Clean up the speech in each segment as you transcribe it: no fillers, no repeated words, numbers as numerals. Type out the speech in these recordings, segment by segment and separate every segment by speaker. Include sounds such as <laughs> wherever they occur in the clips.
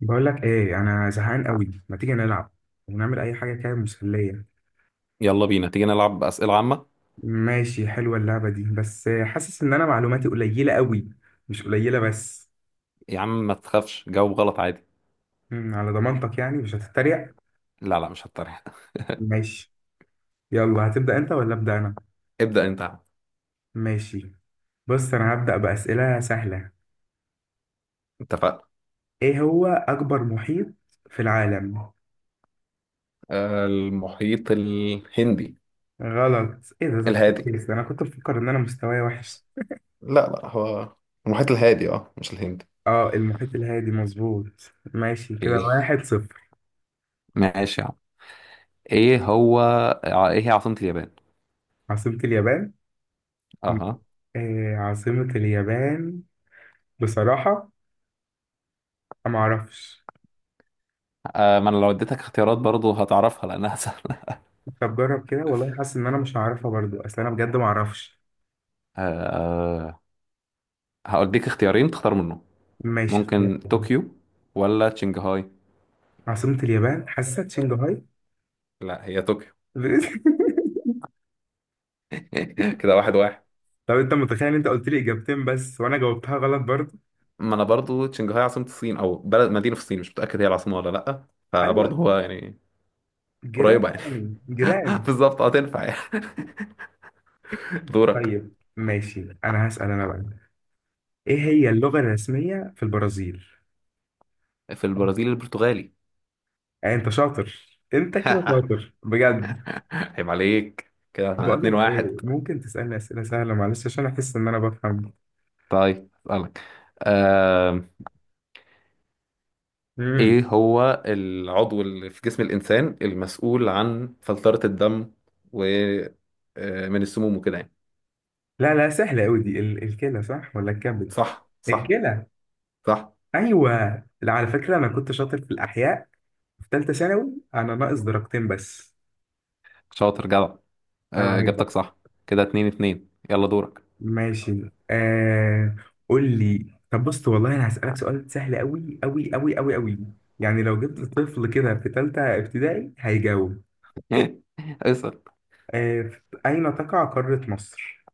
Speaker 1: بقول لك ايه، انا زهقان قوي. ما تيجي نلعب ونعمل اي حاجه كده مسليه؟
Speaker 2: يلا بينا تيجي نلعب أسئلة عامة.
Speaker 1: ماشي، حلوه اللعبه دي، بس حاسس ان انا معلوماتي قليله قوي، مش قليله بس.
Speaker 2: يا عم ما تخافش، جاوب غلط عادي.
Speaker 1: على ضمانتك، يعني مش هتتريق؟
Speaker 2: لا لا، مش هتطرح. <laughs>
Speaker 1: ماشي. يلا، هتبدا انت ولا ابدا انا؟
Speaker 2: ابدأ انت يا عم.
Speaker 1: ماشي. بص، انا هبدا باسئله سهله.
Speaker 2: اتفقنا.
Speaker 1: ايه هو اكبر محيط في العالم؟
Speaker 2: المحيط الهندي.
Speaker 1: غلط؟ ايه ده. ده
Speaker 2: الهادي،
Speaker 1: كويس، انا كنت بفكر ان انا مستواي وحش.
Speaker 2: لا لا، هو المحيط الهادي، اه مش الهندي.
Speaker 1: اه، المحيط الهادي، مظبوط. ماشي كده،
Speaker 2: اوكي،
Speaker 1: 1-0.
Speaker 2: ماشي يا عم. ايه هو ايه هي عاصمة اليابان؟
Speaker 1: عاصمة اليابان. مم.
Speaker 2: اها.
Speaker 1: إيه عاصمة اليابان؟ بصراحة أنا معرفش.
Speaker 2: ما انا لو اديتك اختيارات برضو هتعرفها لانها <laughs> سهلة.
Speaker 1: طب جرب كده، والله حاسس إن أنا مش هعرفها برضو، أصل أنا بجد معرفش.
Speaker 2: أه، هقولك اختيارين تختار منهم.
Speaker 1: ماشي، اختيار
Speaker 2: ممكن
Speaker 1: تاني.
Speaker 2: طوكيو ولا شنغهاي؟
Speaker 1: عاصمة اليابان حاسسها شنغهاي.
Speaker 2: لا، هي طوكيو.
Speaker 1: <laughs>
Speaker 2: <laughs> كده واحد واحد.
Speaker 1: طب أنت متخيل إن أنت قلت لي إجابتين بس وأنا جاوبتها غلط برضو؟
Speaker 2: ما انا برضو شنغهاي عاصمة الصين او بلد مدينة في الصين، مش متأكد هي العاصمة ولا لأ، فبرضه
Speaker 1: أيوة،
Speaker 2: هو يعني قريبة
Speaker 1: جيران
Speaker 2: يعني.
Speaker 1: يعني،
Speaker 2: <laughs>
Speaker 1: جيران.
Speaker 2: بالظبط، هتنفع يعني. <laughs> دورك.
Speaker 1: طيب ماشي، أنا هسأل أنا بقى. إيه هي اللغة الرسمية في البرازيل؟
Speaker 2: في البرازيل البرتغالي.
Speaker 1: يعني أنت شاطر، أنت كده
Speaker 2: <laughs>
Speaker 1: شاطر بجد.
Speaker 2: عيب عليك، كده احنا
Speaker 1: بقول
Speaker 2: اتنين
Speaker 1: لك
Speaker 2: واحد.
Speaker 1: ايه، ممكن تسألني أسئلة سهلة معلش، عشان احس ان انا بفهم.
Speaker 2: طيب اسألك. آم،
Speaker 1: امم
Speaker 2: ايه هو العضو اللي في جسم الانسان المسؤول عن فلترة الدم و من السموم وكده يعني؟
Speaker 1: لا لا، سهلة قوي دي. الكلى صح ولا الكبد؟
Speaker 2: صح صح.
Speaker 1: الكلى.
Speaker 2: صح،
Speaker 1: ايوه. لا، على فكرة انا كنت شاطر في الاحياء، في ثالثة ثانوي، انا ناقص درجتين بس.
Speaker 2: شاطر جدع.
Speaker 1: عيب عليك بقى.
Speaker 2: اجابتك صح. كده اتنين اتنين، يلا دورك.
Speaker 1: ماشي. قول لي. طب بص، والله انا هسألك سؤال سهل قوي قوي قوي قوي قوي. يعني لو جبت طفل كده في ثالثة ابتدائي هيجاوب.
Speaker 2: <laughs> ايسر.
Speaker 1: اين تقع قارة مصر؟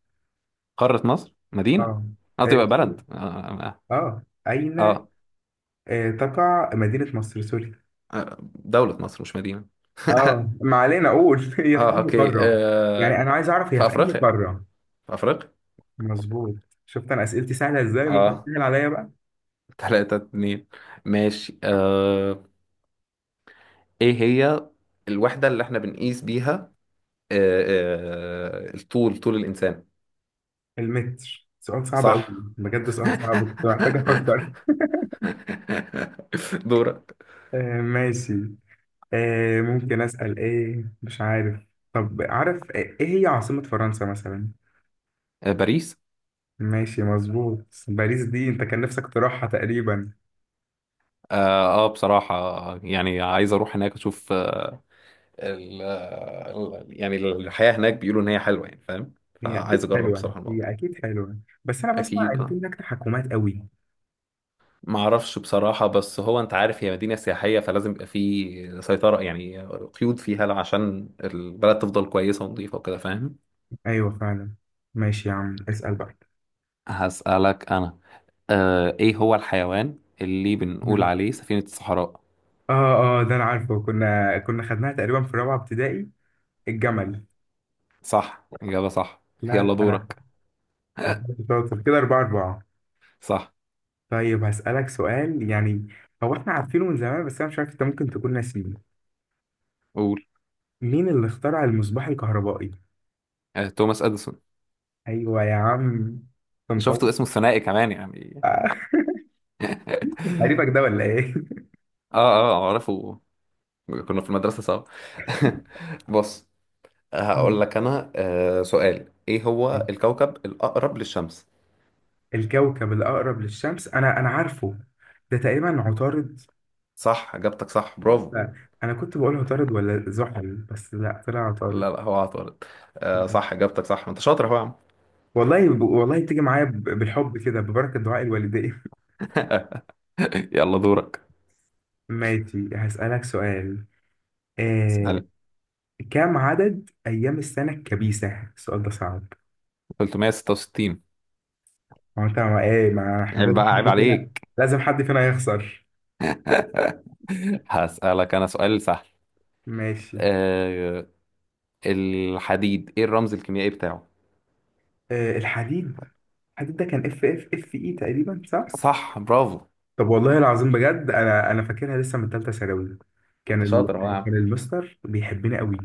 Speaker 2: قارة مصر مدينة،
Speaker 1: اه.
Speaker 2: قصدي بقى
Speaker 1: اه.
Speaker 2: بلد اه.
Speaker 1: أين
Speaker 2: آه.
Speaker 1: تقع مدينة مصر. سوري.
Speaker 2: آه، دولة مصر مش مدينة.
Speaker 1: اه
Speaker 2: <laughs>
Speaker 1: ما علينا. اقول <laughs> هي في
Speaker 2: اه
Speaker 1: انهي
Speaker 2: اوكي
Speaker 1: قارة. يعني انا عايز اعرف هي
Speaker 2: في
Speaker 1: في انهي
Speaker 2: افريقيا،
Speaker 1: قارة.
Speaker 2: في افريقيا.
Speaker 1: مظبوط. شفت انا اسئلتي سهلة ازاي؟ ممكن
Speaker 2: اه،
Speaker 1: تسهل عليا بقى.
Speaker 2: تلاتة اتنين. ماشي ايه هي الوحدة اللي احنا بنقيس بيها آه. الطول، طول الانسان؟
Speaker 1: المتر. سؤال صعب قوي.
Speaker 2: صح.
Speaker 1: بجد سؤال صعب، كنت محتاج افكر.
Speaker 2: <laughs> دورك.
Speaker 1: ماشي. ممكن اسأل؟ ايه؟ مش عارف. طب عارف ايه هي عاصمة فرنسا مثلا؟
Speaker 2: باريس.
Speaker 1: ماشي، مظبوط. باريس دي انت كان نفسك تروحها تقريبا.
Speaker 2: اه، بصراحة يعني عايز اروح هناك اشوف، يعني الحياة هناك بيقولوا إن هي حلوة يعني، فاهم؟
Speaker 1: هي
Speaker 2: فعايز
Speaker 1: اكيد
Speaker 2: أجرب
Speaker 1: حلوة،
Speaker 2: بصراحة الموضوع.
Speaker 1: هي اكيد حلوة. بس انا بسمع
Speaker 2: أكيد
Speaker 1: ان في
Speaker 2: أه،
Speaker 1: هناك تحكمات قوي.
Speaker 2: معرفش بصراحة، بس هو أنت عارف هي مدينة سياحية فلازم يبقى في سيطرة يعني قيود فيها عشان البلد تفضل كويسة ونظيفة وكده، فاهم؟
Speaker 1: ايوه فعلا. ماشي يا عم، اسال بقى.
Speaker 2: هسألك أنا. آه، إيه هو الحيوان اللي بنقول
Speaker 1: مم.
Speaker 2: عليه سفينة الصحراء؟
Speaker 1: اه. اه، ده انا عارفه، كنا خدناها تقريبا في رابعه ابتدائي. الجمل.
Speaker 2: صح، إجابة صح.
Speaker 1: لا لا،
Speaker 2: يلا
Speaker 1: انا.
Speaker 2: دورك.
Speaker 1: أنا
Speaker 2: <laughs>
Speaker 1: كنت شاطر كده، 4-4.
Speaker 2: صح.
Speaker 1: طيب هسالك سؤال يعني. هو احنا عارفينه من زمان، بس انا مش عارف انت ممكن تكون ناسيه.
Speaker 2: قول.
Speaker 1: مين اللي اخترع المصباح الكهربائي؟
Speaker 2: آه، توماس أديسون.
Speaker 1: ايوه يا عم، طنطاوي.
Speaker 2: شفتوا اسمه الثنائي كمان يعني.
Speaker 1: آه، <laughs>
Speaker 2: <laughs>
Speaker 1: قريبك ده ولا ايه؟ <laughs>
Speaker 2: آه آه، أعرفه، كنا في المدرسة سوا. <laughs> بص، هقول
Speaker 1: مم.
Speaker 2: لك أنا سؤال: إيه هو الكوكب الأقرب للشمس؟
Speaker 1: الكوكب الاقرب للشمس انا عارفه. ده تقريبا عطارد.
Speaker 2: صح، إجابتك صح برافو.
Speaker 1: لا، انا كنت بقول عطارد ولا زحل، بس لا، طلع
Speaker 2: لا
Speaker 1: عطارد.
Speaker 2: لا، هو عطارد. صح، إجابتك صح، ما أنت شاطر أهو يا عم.
Speaker 1: والله والله بتيجي معايا بالحب كده، ببركة دعاء الوالدين.
Speaker 2: <laughs> يلا دورك.
Speaker 1: <laughs> ماشي، هسألك سؤال. آه،
Speaker 2: اسأل.
Speaker 1: كم عدد أيام السنة الكبيسة؟ السؤال ده صعب.
Speaker 2: 366.
Speaker 1: هو أنت ما إيه ما إحنا
Speaker 2: عيب
Speaker 1: لازم
Speaker 2: بقى، عيب
Speaker 1: حد فينا.
Speaker 2: عليك.
Speaker 1: لازم حد فينا يخسر.
Speaker 2: <laughs> هسألك أنا سؤال سهل.
Speaker 1: ماشي.
Speaker 2: آه، الحديد إيه الرمز الكيميائي بتاعه؟
Speaker 1: الحديد. الحديد ده كان اف اي تقريبا، صح؟
Speaker 2: صح برافو،
Speaker 1: طب والله العظيم بجد، انا فاكرها لسه من ثالثه ثانوي. كان
Speaker 2: أنت
Speaker 1: ال...
Speaker 2: شاطر أهو يا.
Speaker 1: كان المستر بيحبني قوي.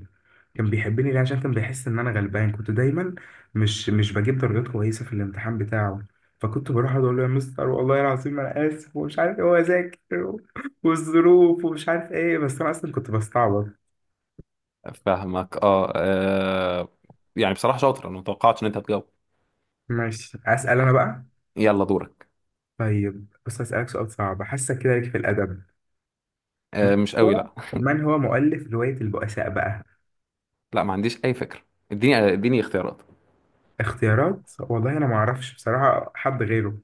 Speaker 1: كان بيحبني ليه؟ عشان كان بيحس ان انا غلبان، كنت دايما مش بجيب درجات كويسه في الامتحان بتاعه. فكنت بروح اقعد اقول له، يا مستر والله العظيم انا اسف، ومش عارف ايه، واذاكر، والظروف، ومش عارف ايه، بس انا اصلا كنت بستعبط.
Speaker 2: فاهمك اه، يعني بصراحة شاطر، انا متوقعتش ان انت هتجاوب.
Speaker 1: ماشي، اسال انا بقى.
Speaker 2: يلا دورك.
Speaker 1: طيب بص، اسالك سؤال صعب، حاسه كده ليك في الادب. من
Speaker 2: آه مش
Speaker 1: هو
Speaker 2: قوي لا.
Speaker 1: من
Speaker 2: <laughs>
Speaker 1: هو مؤلف روايه البؤساء بقى؟
Speaker 2: لا، ما عنديش اي فكرة. اديني اديني اختيارات.
Speaker 1: اختيارات؟ والله انا ما اعرفش بصراحه حد غيره.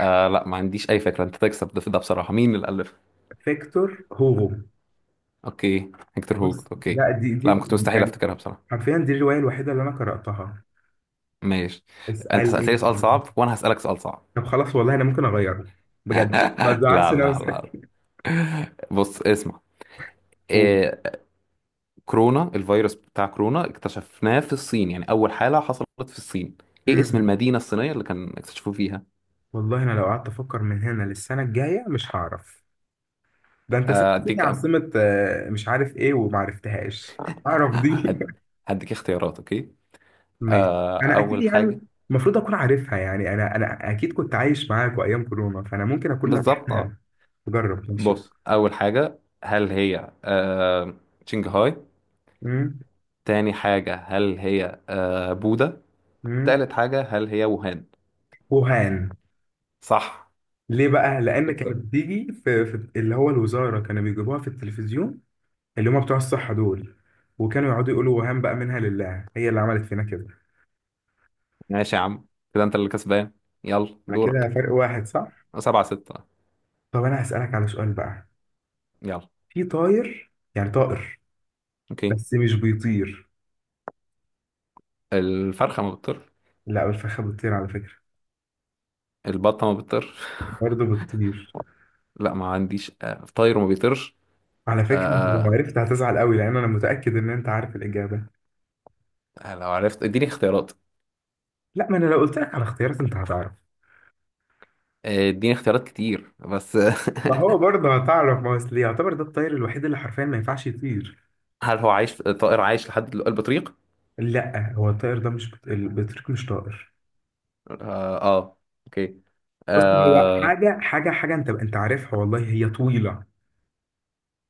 Speaker 2: آه لا، ما عنديش اي فكرة، انت تكسب ده, ده بصراحة مين اللي ألفها؟
Speaker 1: فيكتور هوغو.
Speaker 2: اوكي، هيكتور هوجو،
Speaker 1: بص،
Speaker 2: اوكي.
Speaker 1: ده
Speaker 2: لا، ما كنت مستحيل
Speaker 1: يعني
Speaker 2: افتكرها بصراحة.
Speaker 1: حرفيا دي الروايه الوحيده اللي انا قراتها.
Speaker 2: ماشي. انت سألتني
Speaker 1: اسالني.
Speaker 2: سؤال صعب وانا هسألك سؤال صعب.
Speaker 1: طب خلاص، والله انا ممكن اغيره. بجد، ما
Speaker 2: <laughs>
Speaker 1: تزعلش
Speaker 2: لا لا لا.
Speaker 1: نفسك.
Speaker 2: بص اسمع.
Speaker 1: قول.
Speaker 2: آه، كورونا، الفيروس بتاع كورونا اكتشفناه في الصين، يعني أول حالة حصلت في الصين. إيه اسم
Speaker 1: مم.
Speaker 2: المدينة الصينية اللي كان اكتشفوه فيها؟
Speaker 1: والله انا لو قعدت افكر من هنا للسنه الجايه مش هعرف. ده انت
Speaker 2: آه،
Speaker 1: سالتني
Speaker 2: أديك أم...
Speaker 1: عاصمه مش عارف ايه وما عرفتهاش. اعرف
Speaker 2: <laughs>
Speaker 1: دي.
Speaker 2: هد-
Speaker 1: <laughs>
Speaker 2: هديك اختيارات أوكي.
Speaker 1: ماشي.
Speaker 2: آه،
Speaker 1: انا اكيد
Speaker 2: أول
Speaker 1: يعني
Speaker 2: حاجة.
Speaker 1: المفروض اكون عارفها، يعني انا اكيد كنت عايش معاك وايام كورونا، فانا ممكن اكون
Speaker 2: بالظبط أه.
Speaker 1: لمحتها. جرب. ماشي.
Speaker 2: بص، أول حاجة هل هي شنغهاي؟
Speaker 1: مم.
Speaker 2: تاني حاجة هل هي بودا؟
Speaker 1: مم.
Speaker 2: تالت حاجة هل هي ووهان؟
Speaker 1: وهان.
Speaker 2: صح،
Speaker 1: ليه بقى؟ لأن كانت
Speaker 2: تكسب.
Speaker 1: بتيجي في اللي هو الوزارة، كانوا بيجيبوها في التلفزيون، اللي هم بتوع الصحة دول، وكانوا يقعدوا يقولوا وهان، بقى منها لله، هي اللي عملت فينا كده.
Speaker 2: ماشي يا عم، كده انت اللي كسبان. يلا
Speaker 1: أنا
Speaker 2: دورك.
Speaker 1: كده فرق واحد، صح؟
Speaker 2: سبعة ستة.
Speaker 1: طب أنا هسألك على سؤال بقى.
Speaker 2: يلا.
Speaker 1: في طاير، يعني طائر،
Speaker 2: اوكي.
Speaker 1: بس مش بيطير.
Speaker 2: الفرخة ما بتطيرش.
Speaker 1: لا، الفخة بتطير على فكرة.
Speaker 2: البطة ما بتطيرش.
Speaker 1: برضه بتطير.
Speaker 2: <laughs> لا، ما عنديش طاير وما بيطيرش.
Speaker 1: على فكرة أنت لو
Speaker 2: آه،
Speaker 1: عرفت هتزعل قوي، لأن أنا متأكد إن أنت عارف الإجابة.
Speaker 2: لو عرفت اديني اختيارات.
Speaker 1: لا، ما أنا لو قلت لك على اختيارات أنت هتعرف.
Speaker 2: اديني اختيارات كتير بس.
Speaker 1: ما هو برضه هتعرف، ما هو أصل يعتبر ده الطائر الوحيد اللي حرفيا ما ينفعش يطير.
Speaker 2: <laughs> هل هو عايش، طائر عايش لحد دلوقتي، البطريق؟
Speaker 1: لا، هو الطائر ده مش البطريق مش طائر.
Speaker 2: اه, اوكي.
Speaker 1: بص، هو
Speaker 2: آه.
Speaker 1: حاجة حاجة حاجة، انت عارفها والله، هي طويلة.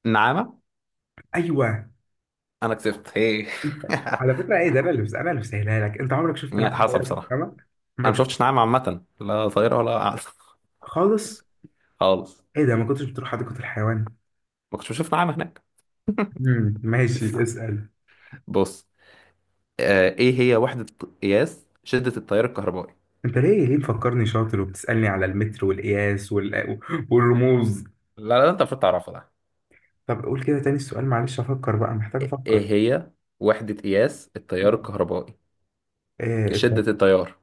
Speaker 2: نعامة.
Speaker 1: ايوه.
Speaker 2: انا كسبت هي.
Speaker 1: على فكرة ايه ده، انا اللي، بسهلها لك. انت عمرك
Speaker 2: <laughs>
Speaker 1: شفت
Speaker 2: يعني
Speaker 1: نعامة
Speaker 2: حصل
Speaker 1: طائر في
Speaker 2: بصراحة.
Speaker 1: السما؟
Speaker 2: انا
Speaker 1: عمرك
Speaker 2: ما شفتش
Speaker 1: شفت؟
Speaker 2: نعامة عامة، لا طايرة ولا قاعدة. <laughs>
Speaker 1: خالص.
Speaker 2: خالص.
Speaker 1: ايه ده، ما كنتش بتروح حديقة الحيوان؟
Speaker 2: ما كنتش بشوف نعامة هناك.
Speaker 1: ماشي، اسأل.
Speaker 2: بص. ايه هي وحدة قياس شدة التيار الكهربائي؟
Speaker 1: انت ليه مفكرني شاطر وبتسألني على المتر والقياس والرموز؟
Speaker 2: لا لا انت المفروض تعرفها.
Speaker 1: طب قول كده تاني السؤال معلش، افكر بقى، محتاج
Speaker 2: ايه
Speaker 1: افكر.
Speaker 2: هي وحدة قياس التيار الكهربائي،
Speaker 1: آه،
Speaker 2: شدة التيار؟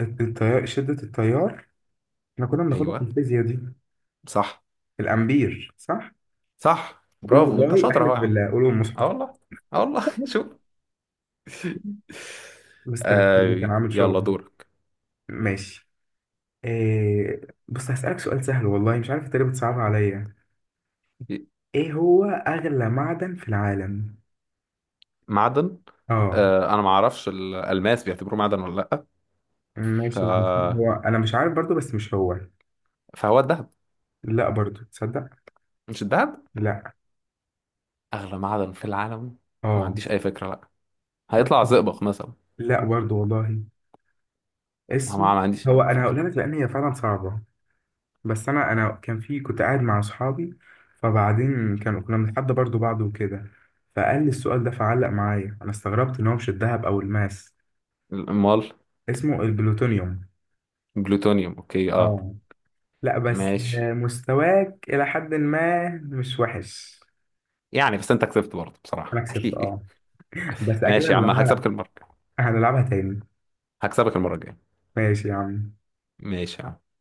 Speaker 1: التيار. شدة التيار، احنا كنا بناخدها في
Speaker 2: ايوه.
Speaker 1: الفيزياء دي.
Speaker 2: صح،
Speaker 1: الامبير، صح؟
Speaker 2: صح
Speaker 1: قول
Speaker 2: برافو، انت
Speaker 1: والله،
Speaker 2: شاطر اهو
Speaker 1: احلف
Speaker 2: يا عم.
Speaker 1: بالله، قول المصحف.
Speaker 2: اه والله. اه والله <laughs> شوف.
Speaker 1: مستر الفيزياء <laughs>
Speaker 2: آه،
Speaker 1: كان عامل
Speaker 2: يلا
Speaker 1: شغل.
Speaker 2: دورك.
Speaker 1: ماشي. إيه؟ بص، هسألك سؤال سهل، والله مش عارف انت ليه بتصعبها عليا. ايه هو اغلى معدن في العالم؟
Speaker 2: معدن.
Speaker 1: اه.
Speaker 2: آه انا ما اعرفش الالماس بيعتبروه معدن ولا لا، ف...
Speaker 1: ماشي. هو انا مش عارف برضو، بس مش هو.
Speaker 2: فهو الذهب.
Speaker 1: لا برضو، تصدق.
Speaker 2: مش الذهب؟
Speaker 1: لا.
Speaker 2: اغلى معدن في العالم. ما
Speaker 1: اه.
Speaker 2: عنديش اي فكرة لا،
Speaker 1: بص.
Speaker 2: هيطلع زئبق مثلا.
Speaker 1: لا برضو والله.
Speaker 2: ما
Speaker 1: اسم.
Speaker 2: عنديش أي
Speaker 1: هو انا
Speaker 2: فكرة.
Speaker 1: هقولها لك، لان هي فعلا صعبة. بس انا كان في، كنت قاعد مع اصحابي، فبعدين كانوا، كنا بنتحدى برضو بعض وكده، فقال لي السؤال ده فعلق معايا. انا استغربت ان هو مش الذهب او الماس.
Speaker 2: امال.
Speaker 1: اسمه البلوتونيوم.
Speaker 2: جلوتونيوم اوكي اه.
Speaker 1: اه لا بس،
Speaker 2: ماشي،
Speaker 1: مستواك الى حد ما مش وحش.
Speaker 2: يعني بس انت كسبت برضه
Speaker 1: انا
Speaker 2: بصراحة.
Speaker 1: كسبت، اه.
Speaker 2: <laughs>
Speaker 1: بس اكيد
Speaker 2: ماشي يا عم، هكسبك
Speaker 1: هنلعبها.
Speaker 2: المرة.
Speaker 1: هنلعبها تاني.
Speaker 2: هكسبك المرة الجاية.
Speaker 1: ماشي يا عم.
Speaker 2: ماشي يا عم.